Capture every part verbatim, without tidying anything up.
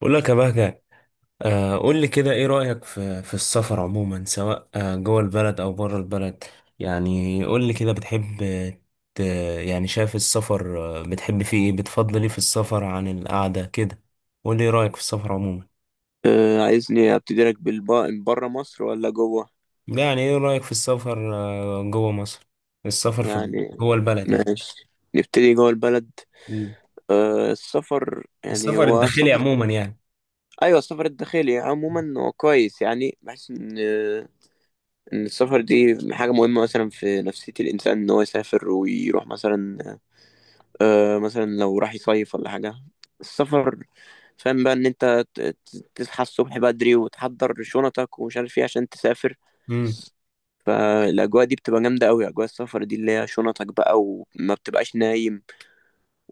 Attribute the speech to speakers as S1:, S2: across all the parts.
S1: بقول لك يا بهجة. آه، قول لي كده ايه رأيك في في السفر عموما، سواء آه، جوه البلد او بره البلد. يعني قول لي كده بتحب ت- يعني شايف السفر، آه، بتحب فيه ايه، بتفضل ايه في السفر عن القعدة كده؟ قول لي ايه رأيك في السفر عموما.
S2: آه، عايزني ابتدي لك بالب- بره مصر ولا جوه؟
S1: لا، يعني ايه رأيك في السفر آه، جوه مصر؟ السفر في
S2: يعني
S1: جوه البلد يعني.
S2: ماشي، نبتدي جوه البلد.
S1: مم.
S2: آه، السفر يعني
S1: السفر
S2: هو
S1: الداخلي
S2: سفر.
S1: عموما يعني.
S2: ايوه، السفر الداخلي عموما هو كويس، يعني بحس ان آه، ان السفر دي حاجه مهمه مثلا في نفسيه الانسان، ان هو يسافر ويروح مثلا. آه، مثلا لو راح يصيف ولا حاجه السفر. فاهم بقى ان انت ت- ت- تصحى الصبح بدري وتحضر شنطك ومش عارف ايه عشان تسافر.
S1: امم.
S2: فالاجواء دي بتبقى جامده قوي، اجواء السفر دي اللي هي شنطك بقى وما بتبقاش نايم،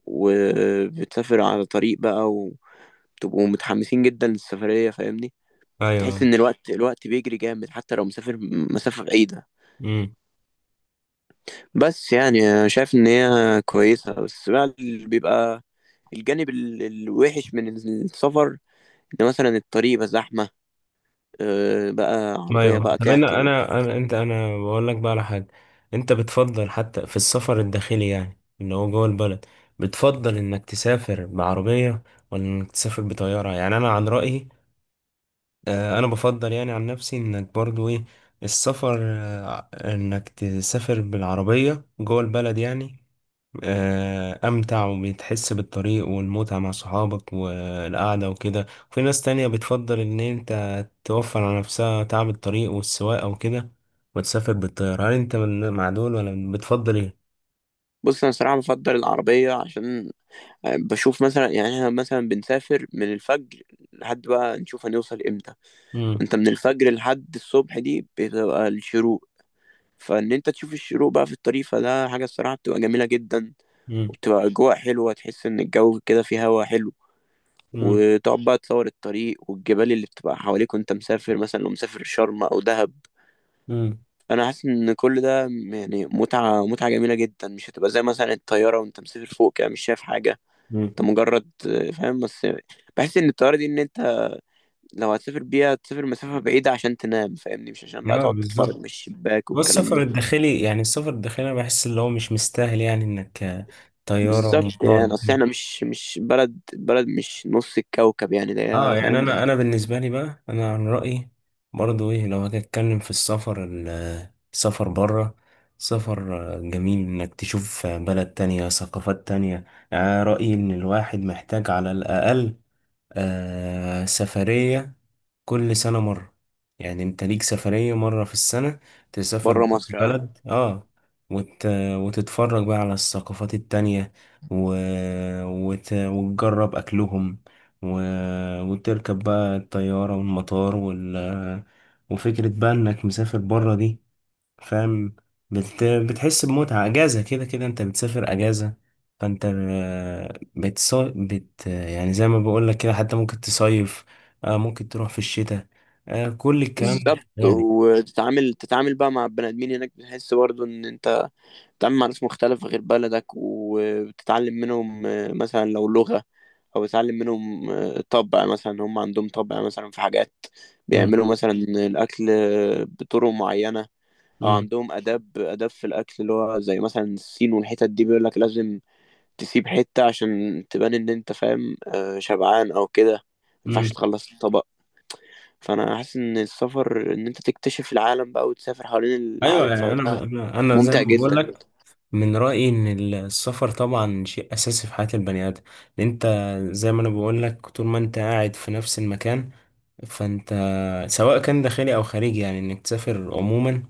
S2: وبتسافر على طريق بقى، وبتبقوا متحمسين جدا للسفريه فاهمني. تحس
S1: ايوه.
S2: ان الوقت الوقت بيجري جامد حتى لو مسافر مسافه بعيده. بس يعني أنا شايف ان هي كويسه، بس بقى اللي بيبقى الجانب ال- الوحش من السفر ان مثلا الطريق بقى زحمه، آه، بقى عربيه
S1: ايوه،
S2: بقى
S1: طب انا
S2: تعطل.
S1: انا أنا- انت انا بقول لك بقى على حاجه. انت بتفضل حتى في السفر الداخلي يعني اللي هو جوه البلد، بتفضل انك تسافر بعربيه ولا انك تسافر بطياره؟ يعني انا عن رايي، آه، انا بفضل يعني عن نفسي انك برضو ايه، السفر، آه، انك تسافر بالعربية جوه البلد يعني، آه، امتع وبتحس بالطريق والمتعة مع صحابك والقعدة وكده. وفي ناس تانية بتفضل ان انت توفر على نفسها تعب الطريق والسواقة وكده، وتسافر بالطيارة. هل انت من- مع دول ولا بتفضل ايه؟
S2: بص انا صراحه بفضل العربيه، عشان بشوف مثلا، يعني احنا مثلا بنسافر من الفجر لحد بقى نشوف هنوصل امتى.
S1: مم.
S2: انت من الفجر لحد الصبح دي بتبقى الشروق، فان انت تشوف الشروق بقى في الطريق، فده حاجة الصراحة بتبقى جميلة جدا.
S1: مم.
S2: وبتبقى اجواء حلوة، تحس ان الجو كده فيه هوا حلو،
S1: مم.
S2: وتقعد بقى تصور الطريق والجبال اللي بتبقى حواليك وانت مسافر، مثلا لو مسافر شرم او دهب.
S1: مم.
S2: انا حاسس ان كل ده يعني متعة، متعة جميلة جدا، مش هتبقى زي مثلا الطيارة وانت مسافر فوق كده مش شايف حاجة.
S1: مم.
S2: انت مجرد آه، فاهم بس. بحس ان الطياره دي ان انت لو هتسافر بيها تسافر مسافه بعيده عشان تنام فاهمني، مش عشان بقى
S1: لا
S2: تقعد تتفرج
S1: بالظبط،
S2: من الشباك
S1: هو
S2: والكلام
S1: السفر
S2: ده.
S1: الداخلي، يعني السفر الداخلي انا بحس اللي هو مش مستاهل يعني انك آه، طيارة
S2: بالظبط،
S1: ومطار.
S2: يعني اصل احنا مش مش بلد بلد، مش نص الكوكب يعني، ده
S1: اه،
S2: هي،
S1: يعني
S2: فاهم.
S1: انا انا بالنسبة لي بقى، انا عن رأيي برضو ايه، لو هاجي اتكلم في السفر ال- آه، السفر بره، سفر آه، جميل انك تشوف آه، بلد تانية، ثقافات تانية. يعني أنا رأيي ان الواحد محتاج على الاقل آه سفرية كل سنة مرة. يعني انت ليك سفرية مرة في السنة تسافر
S2: بره
S1: بره
S2: مصر اه.
S1: البلد، اه، وت... وتتفرج بقى على الثقافات التانية، و... وت... وتجرب أكلهم، و... وتركب بقى الطيارة والمطار وال... وفكرة بقى إنك مسافر بره دي، فاهم، بت... بتحس بمتعة أجازة. كده كده أنت بتسافر أجازة، فأنت بتص... بت... يعني زي ما بقولك كده، حتى ممكن تصيف، آه، ممكن تروح في الشتاء، آه، كل الكلام ده
S2: بالظبط،
S1: شغال.
S2: وتتعامل تتعامل بقى مع البني ادمين هناك، بتحس برضه ان انت بتتعامل مع ناس مختلفة غير بلدك، وبتتعلم منهم آه، مثلا لو لغة، أو بتتعلم منهم آه، طبع. مثلا هم عندهم طبع مثلا في حاجات،
S1: مم،
S2: بيعملوا مثلا الأكل آه، بطرق معينة. أو
S1: مم،
S2: عندهم آداب آداب في الأكل، اللي هو زي مثلا الصين والحتت دي بيقولك لازم تسيب حتة عشان تبان إن أنت فاهم آه، شبعان أو كده،
S1: مم.
S2: مينفعش تخلص الطبق. فأنا حاسس إن السفر، إن أنت تكتشف العالم بقى وتسافر حوالين
S1: أيوة،
S2: العالم،
S1: يعني
S2: فده
S1: أنا أنا أنا زي
S2: ممتع
S1: ما
S2: جدا.
S1: بقولك، من رأيي إن السفر طبعا شيء أساسي في حياة البني آدم، لأن أنت زي ما أنا بقولك، طول ما أنت قاعد في نفس المكان، فأنت سواء كان داخلي أو خارجي يعني إنك تسافر عموما،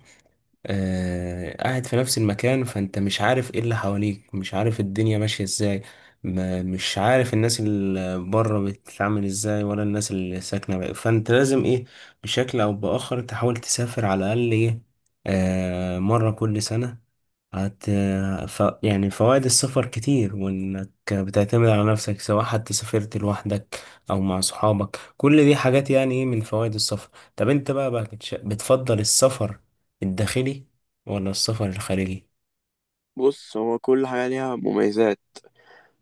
S1: آه، قاعد في نفس المكان، فانت مش عارف ايه اللي حواليك، مش عارف الدنيا ماشية ازاي، ما مش عارف الناس اللي بره بتتعامل ازاي، ولا الناس اللي ساكنة بقى. فانت لازم ايه، بشكل او باخر تحاول تسافر على الاقل ايه، آه مرة كل سنة. هت ف... يعني فوائد السفر كتير، وإنك بتعتمد على نفسك سواء حتى سافرت لوحدك أو مع صحابك، كل دي حاجات يعني إيه من فوائد السفر. طب أنت بقى، بقى بتش- بتفضل السفر الداخلي ولا السفر الخارجي؟
S2: بص، هو كل حاجة ليها مميزات.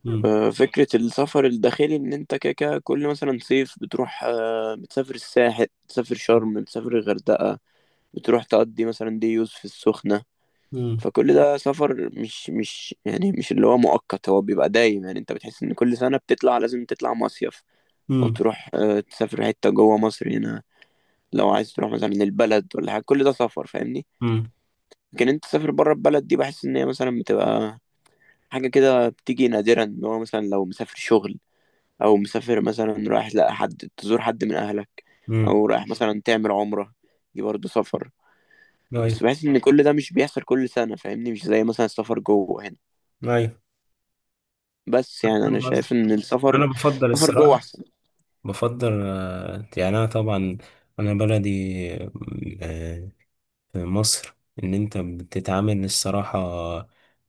S1: مم.
S2: آه، فكرة السفر الداخلي إن أنت كده كده كل مثلا صيف بتروح، آه، بتسافر الساحل، بتسافر شرم، بتسافر الغردقة، بتروح تقضي مثلا دي يوز في السخنة.
S1: مم.
S2: فكل ده سفر، مش مش يعني مش اللي هو مؤقت، هو بيبقى دايم. يعني أنت بتحس إن كل سنة بتطلع لازم تطلع مصيف، أو
S1: مم.
S2: تروح آه، تسافر حتة جوه مصر هنا، لو عايز تروح مثلا البلد ولا حاجة، كل ده سفر فاهمني.
S1: مم.
S2: لكن أنت تسافر بره البلد دي، بحس إن هي مثلا بتبقى حاجة كده بتيجي نادرا. ان هو مثلا لو مسافر شغل، او مسافر مثلا رايح لا حد تزور حد من اهلك،
S1: مم.
S2: او رايح مثلا تعمل عمرة، دي برضه سفر.
S1: أيوه.
S2: بس بحس ان كل ده مش بيحصل كل سنة فاهمني، مش زي مثلا السفر جوه هنا.
S1: أيوه.
S2: بس يعني انا
S1: فاهم قصدك.
S2: شايف ان السفر،
S1: أنا بفضل
S2: السفر جوه
S1: الصراحة،
S2: احسن.
S1: بفضل آه، يعني أنا طبعا أنا بلدي في مصر، ان انت بتتعامل الصراحة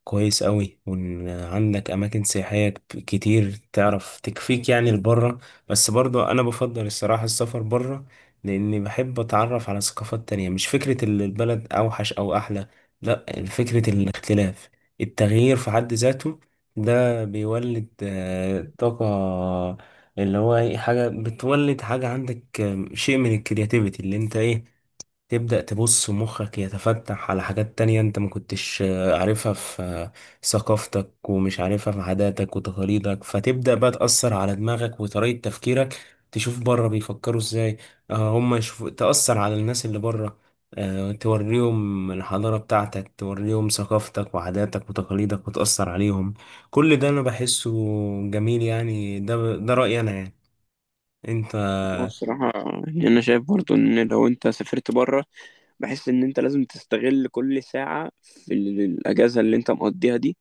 S1: كويس قوي، وان عندك اماكن سياحية ك- كتير تعرف تكفيك يعني لبره. بس برضو انا بفضل الصراحة السفر بره، لاني بحب اتعرف على ثقافات تانية. مش فكرة ال- البلد اوحش او احلى، لا، فكرة الاختلاف، التغيير في حد ذاته. ده بيولد آه، طاقة، اللي هو إيه، حاجة بتولد حاجة عندك، آه، شيء من الكرياتيفيتي، اللي انت ايه تبدأ تبص مخك يتفتح على حاجات تانية انت ما كنتش آه، عارفها في آه، ثقافتك، ومش عارفها في عاداتك وتقاليدك. فتبدأ بقى تأثر على دماغك وطريقة تفكيرك، تشوف بره بيفكروا ازاي، آه، هم يشوفوا، تأثر على الناس اللي بره، آه، توريهم الحضارة بتاعتك، توريهم ثقافتك وعاداتك وتقاليدك وتأثر عليهم. كل ده أنا بحسه جميل، يعني ده ده رأيي أنا يعني. أنت.
S2: والصراحة يعني انا شايف برضه ان لو انت سافرت بره، بحس ان انت لازم تستغل كل ساعة في ال- الاجازة اللي انت مقضيها دي،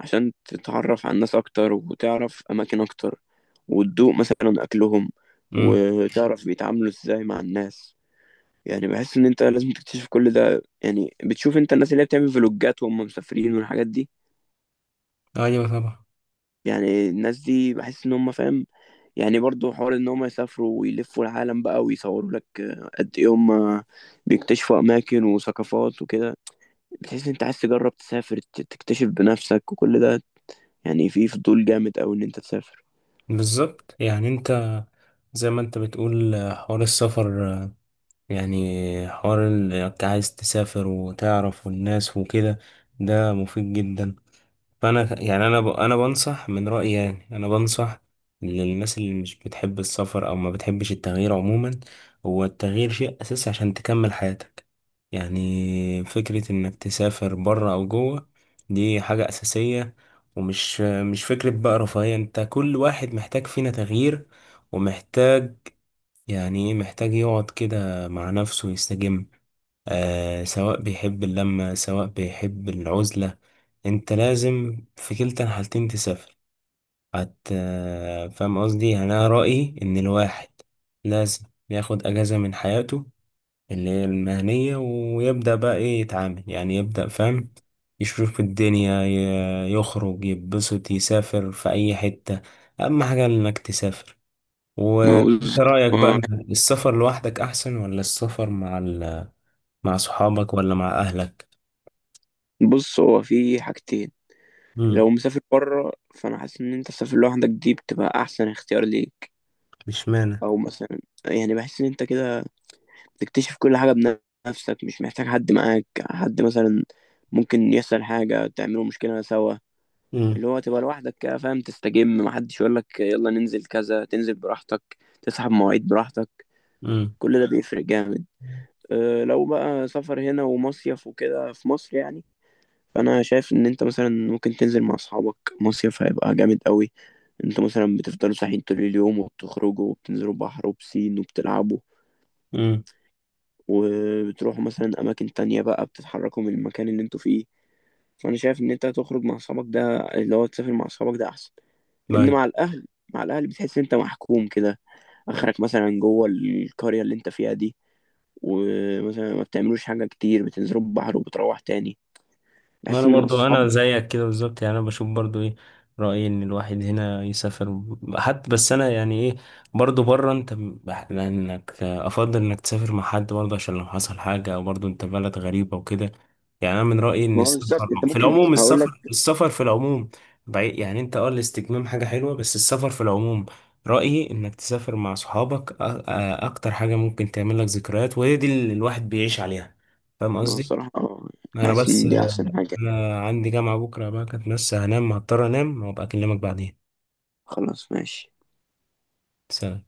S2: عشان تتعرف على الناس أكتر وتعرف أماكن أكتر وتدوق مثلا أكلهم
S1: مم.
S2: وتعرف بيتعاملوا إزاي مع الناس. يعني بحس إن أنت لازم تكتشف كل ده. يعني بتشوف أنت الناس اللي هي بتعمل فلوجات وهم مسافرين والحاجات دي،
S1: أيوة طبعا.
S2: يعني الناس دي بحس إن هم فاهم، يعني برضو حوار إن هم يسافروا ويلفوا العالم بقى ويصوروا لك قد إيه هم بيكتشفوا أماكن وثقافات وكده. بتحس إن أنت عايز تجرب تسافر ت- تكتشف بنفسك وكل ده، يعني في فضول جامد أوي إن أنت تسافر.
S1: بالظبط، يعني أنت زي ما انت بتقول آه، حوار السفر، آه، يعني حوار ال- انت عايز تسافر وتعرف والناس وكده، ده مفيد جدا. فانا يعني انا ب... انا بنصح، من رأيي يعني انا بنصح للناس اللي مش بتحب السفر او ما بتحبش التغيير عموما. هو التغيير شيء اساسي عشان تكمل حياتك، يعني فكرة انك تسافر بره او جوه دي حاجة اساسية، ومش مش فكرة بقى رفاهية. انت كل واحد محتاج فينا تغيير، ومحتاج يعني إيه، محتاج يقعد كده مع نفسه يستجم، آه سواء بيحب اللمة سواء بيحب العزلة. انت لازم في كلتا الحالتين تسافر. هت آه، فاهم قصدي، يعني انا رأيي ان الواحد لازم ياخد اجازة من حياته اللي هي المهنية، ويبدأ بقى ايه يتعامل، يعني يبدأ فاهم يشوف الدنيا، ي- يخرج يتبسط، يسافر في اي حتة. اهم حاجة انك تسافر.
S2: ما هو
S1: وانت
S2: بص
S1: رأيك بقى
S2: هو-
S1: إن السفر لوحدك احسن ولا السفر مع ال... مع صحابك ولا مع اهلك؟
S2: بص، هو في حاجتين. لو
S1: امم.
S2: مسافر بره، فانا حاسس ان انت تسافر لوحدك دي بتبقى احسن اختيار ليك.
S1: مش معنى.
S2: او مثلا، يعني بحس ان انت كده بتكتشف كل حاجه بنفسك، مش محتاج حد معاك، حد مثلا ممكن يحصل حاجه تعملوا مشكله سوا.
S1: امم.
S2: اللي هو تبقى لوحدك كده فاهم، تستجم، محدش يقول لك يلا ننزل كذا، تنزل براحتك، تسحب مواعيد براحتك.
S1: امم.
S2: كل ده بيفرق جامد. أه، لو بقى سفر هنا ومصيف وكده في مصر يعني، فانا شايف ان انت مثلا ممكن تنزل مع اصحابك مصيف، هيبقى جامد قوي. انتوا مثلا بتفضلوا صاحيين طول اليوم، وبتخرجوا وبتنزلوا بحر وبسين وبتلعبوا،
S1: امم.
S2: وبتروحوا مثلا اماكن تانية بقى، بتتحركوا من المكان اللي انتوا فيه. فانا شايف ان انت تخرج مع اصحابك ده، اللي هو تسافر مع اصحابك ده احسن. لان مع الاهل مع الاهل بتحس ان انت محكوم كده، اخرك مثلا جوه القريه اللي انت فيها دي، ومثلا ما بتعملوش حاجه كتير، بتنزلوا البحر وبتروح تاني.
S1: ما
S2: بحس
S1: انا
S2: ان مع
S1: برضو انا
S2: الصحاب.
S1: زيك كده بالظبط، يعني انا بشوف برضو ايه، رأيي ان الواحد هنا يسافر حتى. بس انا يعني ايه، برضو بره انت بح- لانك افضل انك تسافر مع حد برضو عشان لو حصل حاجة، او برضو انت بلد غريبة وكده. يعني انا من رأيي ان
S2: ما هو بالظبط،
S1: السفر
S2: انت
S1: في
S2: ممكن
S1: العموم،
S2: هقول لك.
S1: السفر السفر في العموم بعيد، يعني انت اه الاستجمام حاجة حلوة، بس السفر في العموم رأيي انك تسافر مع صحابك. أ- أ- اكتر حاجة ممكن تعمل لك ذكريات، وهي دي اللي الواحد بيعيش عليها. فاهم
S2: ما هو
S1: قصدي؟
S2: الصراحة آه،
S1: انا
S2: بحس
S1: بس،
S2: إن دي أحسن حاجة.
S1: انا عندي جامعة بكرة بقى كانت، بس هنام، هضطر انام وابقى اكلمك بعدين.
S2: خلاص، ماشي.
S1: سلام.